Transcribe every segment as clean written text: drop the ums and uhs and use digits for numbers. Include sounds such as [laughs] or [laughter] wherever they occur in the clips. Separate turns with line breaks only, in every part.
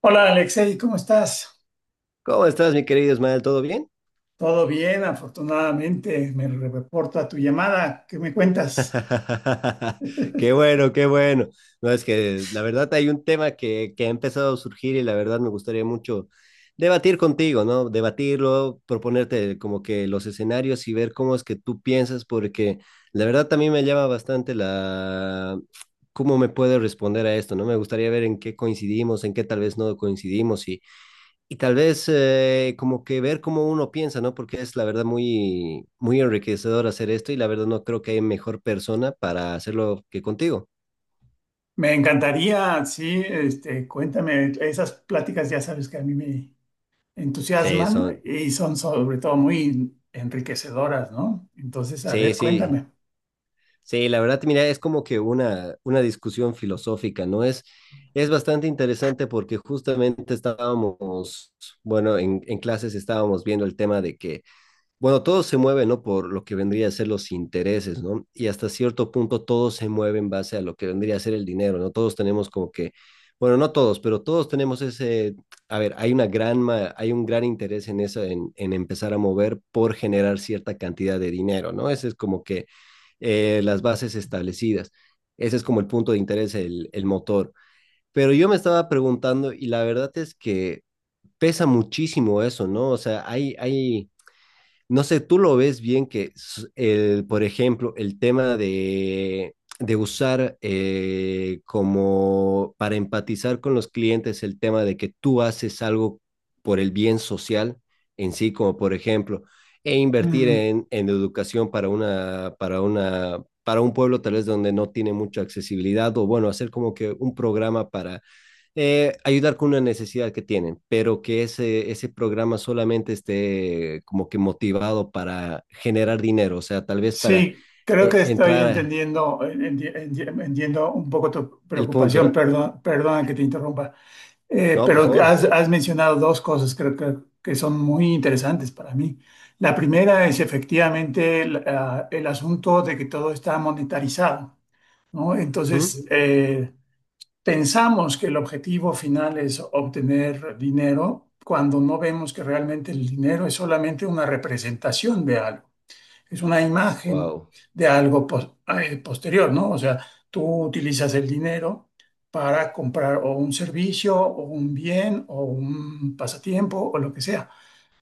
Hola Alexei, ¿cómo estás?
¿Cómo estás, mi querido Ismael? ¿Todo bien?
Todo bien, afortunadamente. Me reporta tu llamada. ¿Qué me cuentas?
[laughs] Qué
[laughs]
bueno, qué bueno. No, es que la verdad hay un tema que ha empezado a surgir y la verdad me gustaría mucho debatir contigo, ¿no? Debatirlo, proponerte como que los escenarios y ver cómo es que tú piensas, porque la verdad también me llama bastante la... cómo me puedes responder a esto, ¿no? Me gustaría ver en qué coincidimos, en qué tal vez no coincidimos. Y tal vez como que ver cómo uno piensa, ¿no? Porque es la verdad muy, muy enriquecedor hacer esto y la verdad no creo que hay mejor persona para hacerlo que contigo.
Me encantaría, sí, este, cuéntame. Esas pláticas ya sabes que a mí me
Sí,
entusiasman
son,
y son sobre todo muy enriquecedoras, ¿no? Entonces, a
sí,
ver,
sí,
cuéntame.
sí, la verdad, mira, es como que una discusión filosófica, ¿no? Es bastante interesante porque justamente estábamos, bueno, en clases estábamos viendo el tema de que bueno, todo se mueve, ¿no? Por lo que vendría a ser los intereses, ¿no? Y hasta cierto punto todo se mueve en base a lo que vendría a ser el dinero, ¿no? Todos tenemos como que, bueno, no todos, pero todos tenemos ese, a ver, hay una gran, hay un gran interés en eso, en empezar a mover por generar cierta cantidad de dinero, ¿no? Ese es como que las bases establecidas. Ese es como el punto de interés, el motor. Pero yo me estaba preguntando y la verdad es que pesa muchísimo eso, ¿no? O sea, hay no sé, tú lo ves bien que, el, por ejemplo, el tema de usar como para empatizar con los clientes el tema de que tú haces algo por el bien social en sí, como por ejemplo, e invertir
Mm,
en educación para una, para una, para un pueblo tal vez donde no tiene mucha accesibilidad, o bueno, hacer como que un programa para ayudar con una necesidad que tienen, pero que ese programa solamente esté como que motivado para generar dinero, o sea, tal vez para
sí, creo que
eh,
estoy
entrar a-
entendiendo, entiendo un poco tu
el punto,
preocupación.
¿no?
Perdón, perdona que te interrumpa. Eh,
No, por
pero
favor.
has, has mencionado dos cosas creo que son muy interesantes para mí. La primera es efectivamente el, ah, el asunto de que todo está monetarizado, ¿no?
¿Mm?
Entonces, pensamos que el objetivo final es obtener dinero cuando no vemos que realmente el dinero es solamente una representación de algo, es una imagen
Wow.
de algo posterior, ¿no? O sea, tú utilizas el dinero para comprar o un servicio o un bien o un pasatiempo o lo que sea,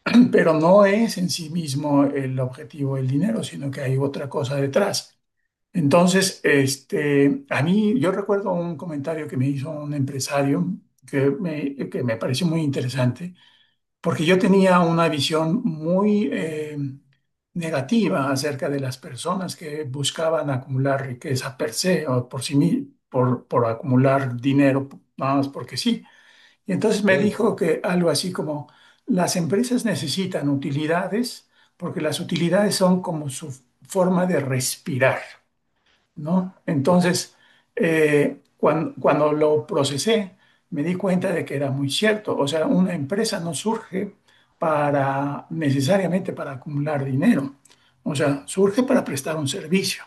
[clears throat] pero no es en sí mismo el objetivo del dinero, sino que hay otra cosa detrás. Entonces, este, a mí yo recuerdo un comentario que me hizo un empresario que me pareció muy interesante porque yo tenía una visión muy negativa acerca de las personas que buscaban acumular riqueza per se o por acumular dinero nada más porque sí. Y entonces me
Ok.
dijo que algo así como las empresas necesitan utilidades porque las utilidades son como su forma de respirar. ¿No? Entonces, cuando lo procesé, me di cuenta de que era muy cierto. O sea, una empresa no surge para necesariamente para acumular dinero. O sea, surge para prestar un servicio.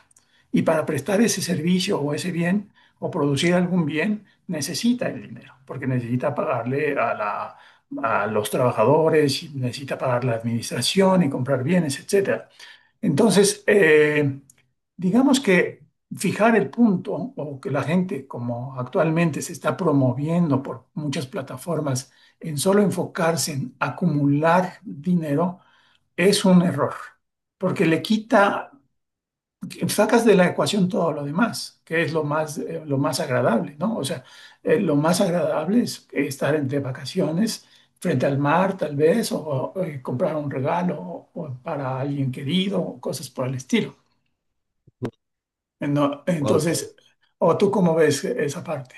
Y para prestar ese servicio o ese bien o producir algún bien, necesita el dinero, porque necesita a los trabajadores, necesita pagar la administración y comprar bienes, etcétera. Entonces, digamos que fijar el punto o que la gente, como actualmente se está promoviendo por muchas plataformas, en solo enfocarse en acumular dinero, es un error, porque le quita, sacas de la ecuación todo lo demás, que es lo más agradable, ¿no? O sea, lo más agradable es estar entre vacaciones frente al mar, tal vez, o, o comprar un regalo o para alguien querido, o cosas por el estilo. No,
Wow,
entonces, ¿o tú cómo ves esa parte?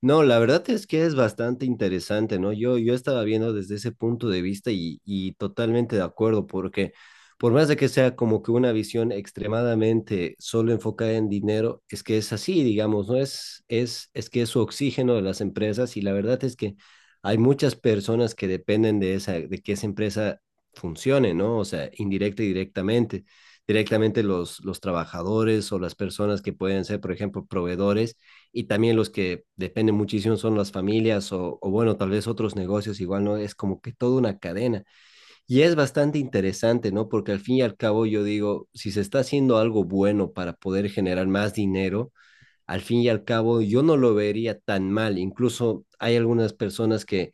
no, la verdad es que es bastante interesante, ¿no? Yo estaba viendo desde ese punto de vista y totalmente de acuerdo, porque por más de que sea como que una visión extremadamente solo enfocada en dinero, es que es así, digamos, ¿no? Es que es su oxígeno de las empresas y la verdad es que hay muchas personas que dependen de esa, de que esa empresa funcione, ¿no? O sea, indirecta y directamente. Directamente los trabajadores o las personas que pueden ser, por ejemplo, proveedores y también los que dependen muchísimo son las familias o, bueno, tal vez otros negocios igual, ¿no? Es como que toda una cadena y es bastante interesante, ¿no? Porque al fin y al cabo yo digo, si se está haciendo algo bueno para poder generar más dinero, al fin y al cabo yo no lo vería tan mal. Incluso hay algunas personas que,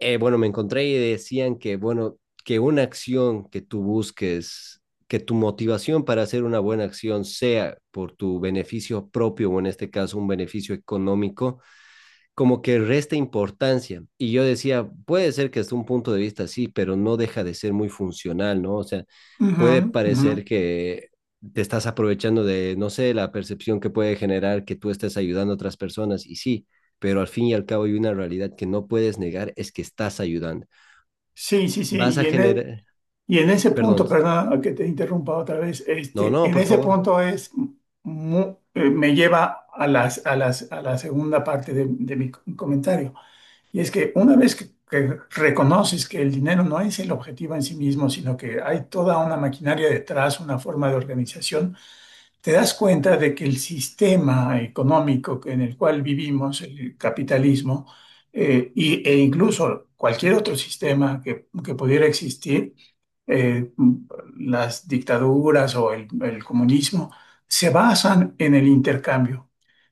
bueno, me encontré y decían que, bueno, que una acción que tú busques que tu motivación para hacer una buena acción sea por tu beneficio propio o en este caso un beneficio económico, como que resta importancia. Y yo decía, puede ser que desde un punto de vista sí, pero no deja de ser muy funcional, ¿no? O sea,
Ujú,
puede
ujú.
parecer que te estás aprovechando de, no sé, la percepción que puede generar que tú estés ayudando a otras personas, y sí, pero al fin y al cabo hay una realidad que no puedes negar, es que estás ayudando.
Sí, sí, sí.
Vas a generar,
Y en ese
perdón,
punto, perdona que te interrumpa otra vez,
no,
este,
no,
en
por
ese
favor.
punto es me lleva a las, a las, a la segunda parte de mi comentario. Y es que una vez que reconoces que el dinero no es el objetivo en sí mismo, sino que hay toda una maquinaria detrás, una forma de organización, te das cuenta de que el sistema económico en el cual vivimos, el capitalismo, e incluso cualquier otro sistema que pudiera existir, eh, las dictaduras o el comunismo, se basan en el intercambio.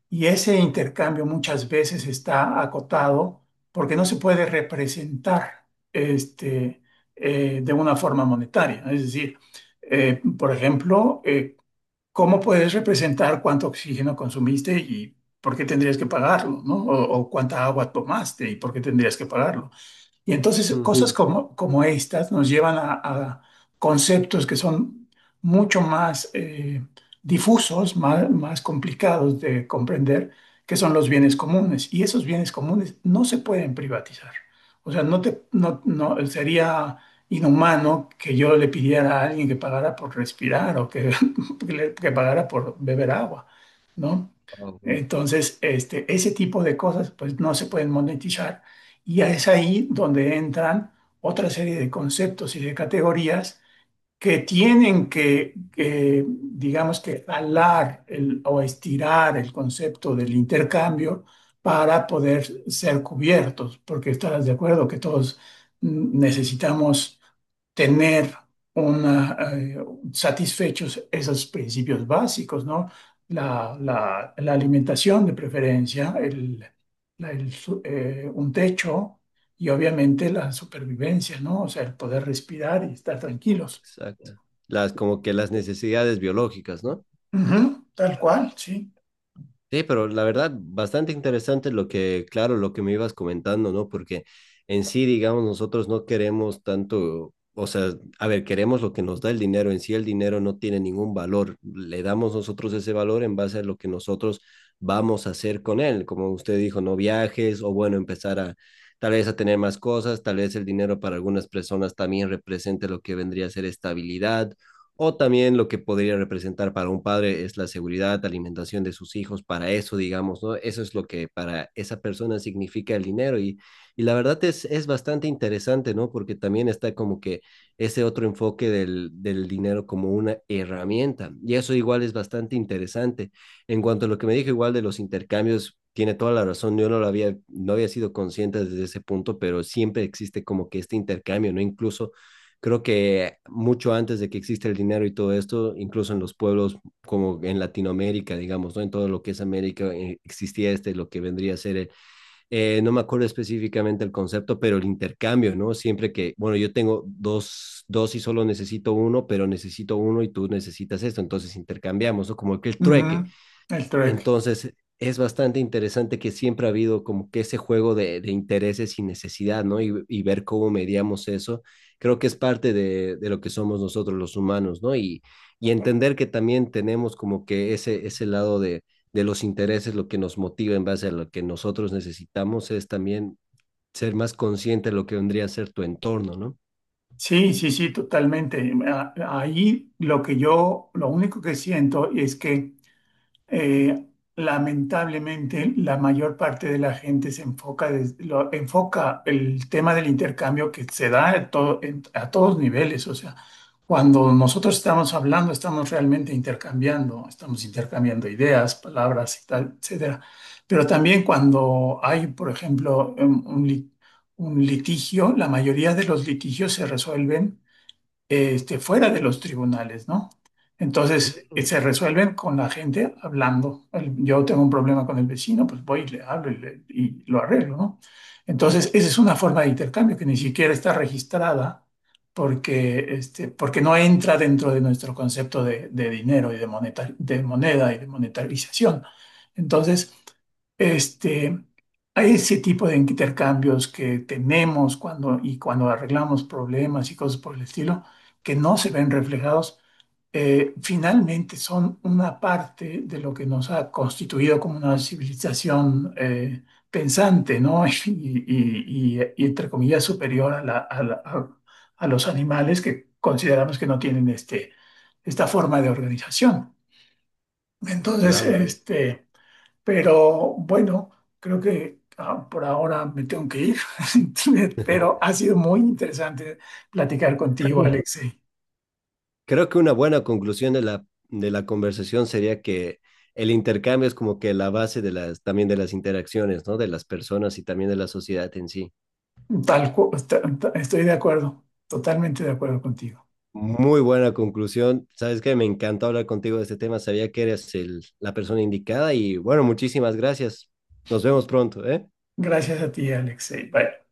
Y ese intercambio muchas veces está acotado porque no se puede representar este, de una forma monetaria. Es decir, por ejemplo, cómo puedes representar cuánto oxígeno consumiste y por qué tendrías que pagarlo, ¿no? O cuánta agua tomaste y por qué tendrías que pagarlo. Y entonces
Mm.
cosas sí, como, como estas nos llevan a conceptos que son mucho más difusos, más, más complicados de comprender, que son los bienes comunes. Y esos bienes comunes no se pueden privatizar. O sea, no te, no, no, sería inhumano que yo le pidiera a alguien que pagara por respirar o que, [laughs] que pagara por beber agua, ¿no?
Wow,
Entonces, este, ese tipo de cosas pues no se pueden monetizar y es ahí donde entran otra serie de conceptos y de categorías que tienen que, digamos que o estirar el concepto del intercambio para poder ser cubiertos, porque estarás de acuerdo que todos, mm, necesitamos tener una, satisfechos esos principios básicos, ¿no? La alimentación de preferencia, un techo y obviamente la supervivencia, ¿no? O sea, el poder respirar y estar tranquilos.
exacto. Las, como que las necesidades biológicas, ¿no?
Ujú, tal cual, sí.
Sí, pero la verdad, bastante interesante lo que, claro, lo que me ibas comentando, ¿no? Porque en sí, digamos, nosotros no queremos tanto, o sea, a ver, queremos lo que nos da el dinero, en sí el dinero no tiene ningún valor, le damos nosotros ese valor en base a lo que nosotros vamos a hacer con él, como usted dijo, no viajes o bueno, empezar a tal vez a tener más cosas, tal vez el dinero para algunas personas también represente lo que vendría a ser estabilidad o también lo que podría representar para un padre es la seguridad, alimentación de sus hijos, para eso, digamos, ¿no? Eso es lo que para esa persona significa el dinero y la verdad es bastante interesante, ¿no? Porque también está como que ese otro enfoque del, del dinero como una herramienta y eso igual es bastante interesante. En cuanto a lo que me dijo igual de los intercambios, tiene toda la razón, yo no lo había, no había sido consciente desde ese punto, pero siempre existe como que este intercambio, ¿no? Incluso creo que mucho antes de que exista el dinero y todo esto, incluso en los pueblos como en Latinoamérica, digamos, ¿no? En todo lo que es América existía este, lo que vendría a ser, el, no me acuerdo específicamente el concepto, pero el intercambio, ¿no? Siempre que, bueno, yo tengo dos, dos y solo necesito uno, pero necesito uno y tú necesitas esto, entonces intercambiamos, ¿no? Como que el trueque,
Ujú, el trek.
entonces, es bastante interesante que siempre ha habido como que ese juego de intereses y necesidad, ¿no? Y ver cómo mediamos eso. Creo que es parte de lo que somos nosotros los humanos, ¿no? Y entender que también tenemos como que ese lado de los intereses, lo que nos motiva en base a lo que nosotros necesitamos, es también ser más consciente de lo que vendría a ser tu entorno, ¿no?
Sí, sí, sí, totalmente. A, ahí lo que yo, lo único que siento es que eh, lamentablemente, la mayor parte de la gente se enfoca, enfoca el tema del intercambio que se da a, a todos niveles. O sea, cuando nosotros estamos hablando, estamos realmente intercambiando, estamos intercambiando ideas, palabras y tal, etcétera. Pero también cuando hay, por ejemplo, un litigio, la mayoría de los litigios se resuelven este, fuera de los tribunales, ¿no? Entonces, se resuelven con la gente hablando. Yo tengo un problema con el vecino, pues voy y le hablo y y lo arreglo, ¿no? Entonces, esa es una forma de intercambio que ni siquiera está registrada porque, este, porque no entra dentro de nuestro concepto de dinero y de, de moneda y de monetarización. Entonces, este, a ese tipo de intercambios que tenemos cuando, y cuando arreglamos problemas y cosas por el estilo, que no se ven reflejados, finalmente son una parte de lo que nos ha constituido como una civilización pensante, ¿no? [laughs] Y, y entre comillas superior a, a los animales que consideramos que no tienen este, esta forma de organización. Entonces,
Claro.
este, pero bueno, creo que ah, por ahora me tengo que ir, [laughs] pero ha sido muy interesante platicar contigo,
[laughs]
Alexei.
Creo que una buena conclusión de la conversación sería que el intercambio es como que la base de las, también de las interacciones, ¿no? De las personas y también de la sociedad en sí.
Tal, cu- ta- ta- Estoy de acuerdo, totalmente de acuerdo contigo.
Muy buena conclusión. Sabes que me encantó hablar contigo de este tema. Sabía que eres el, la persona indicada y bueno, muchísimas gracias. Nos vemos pronto, ¿eh?
Gracias a ti, Alexei. Bye.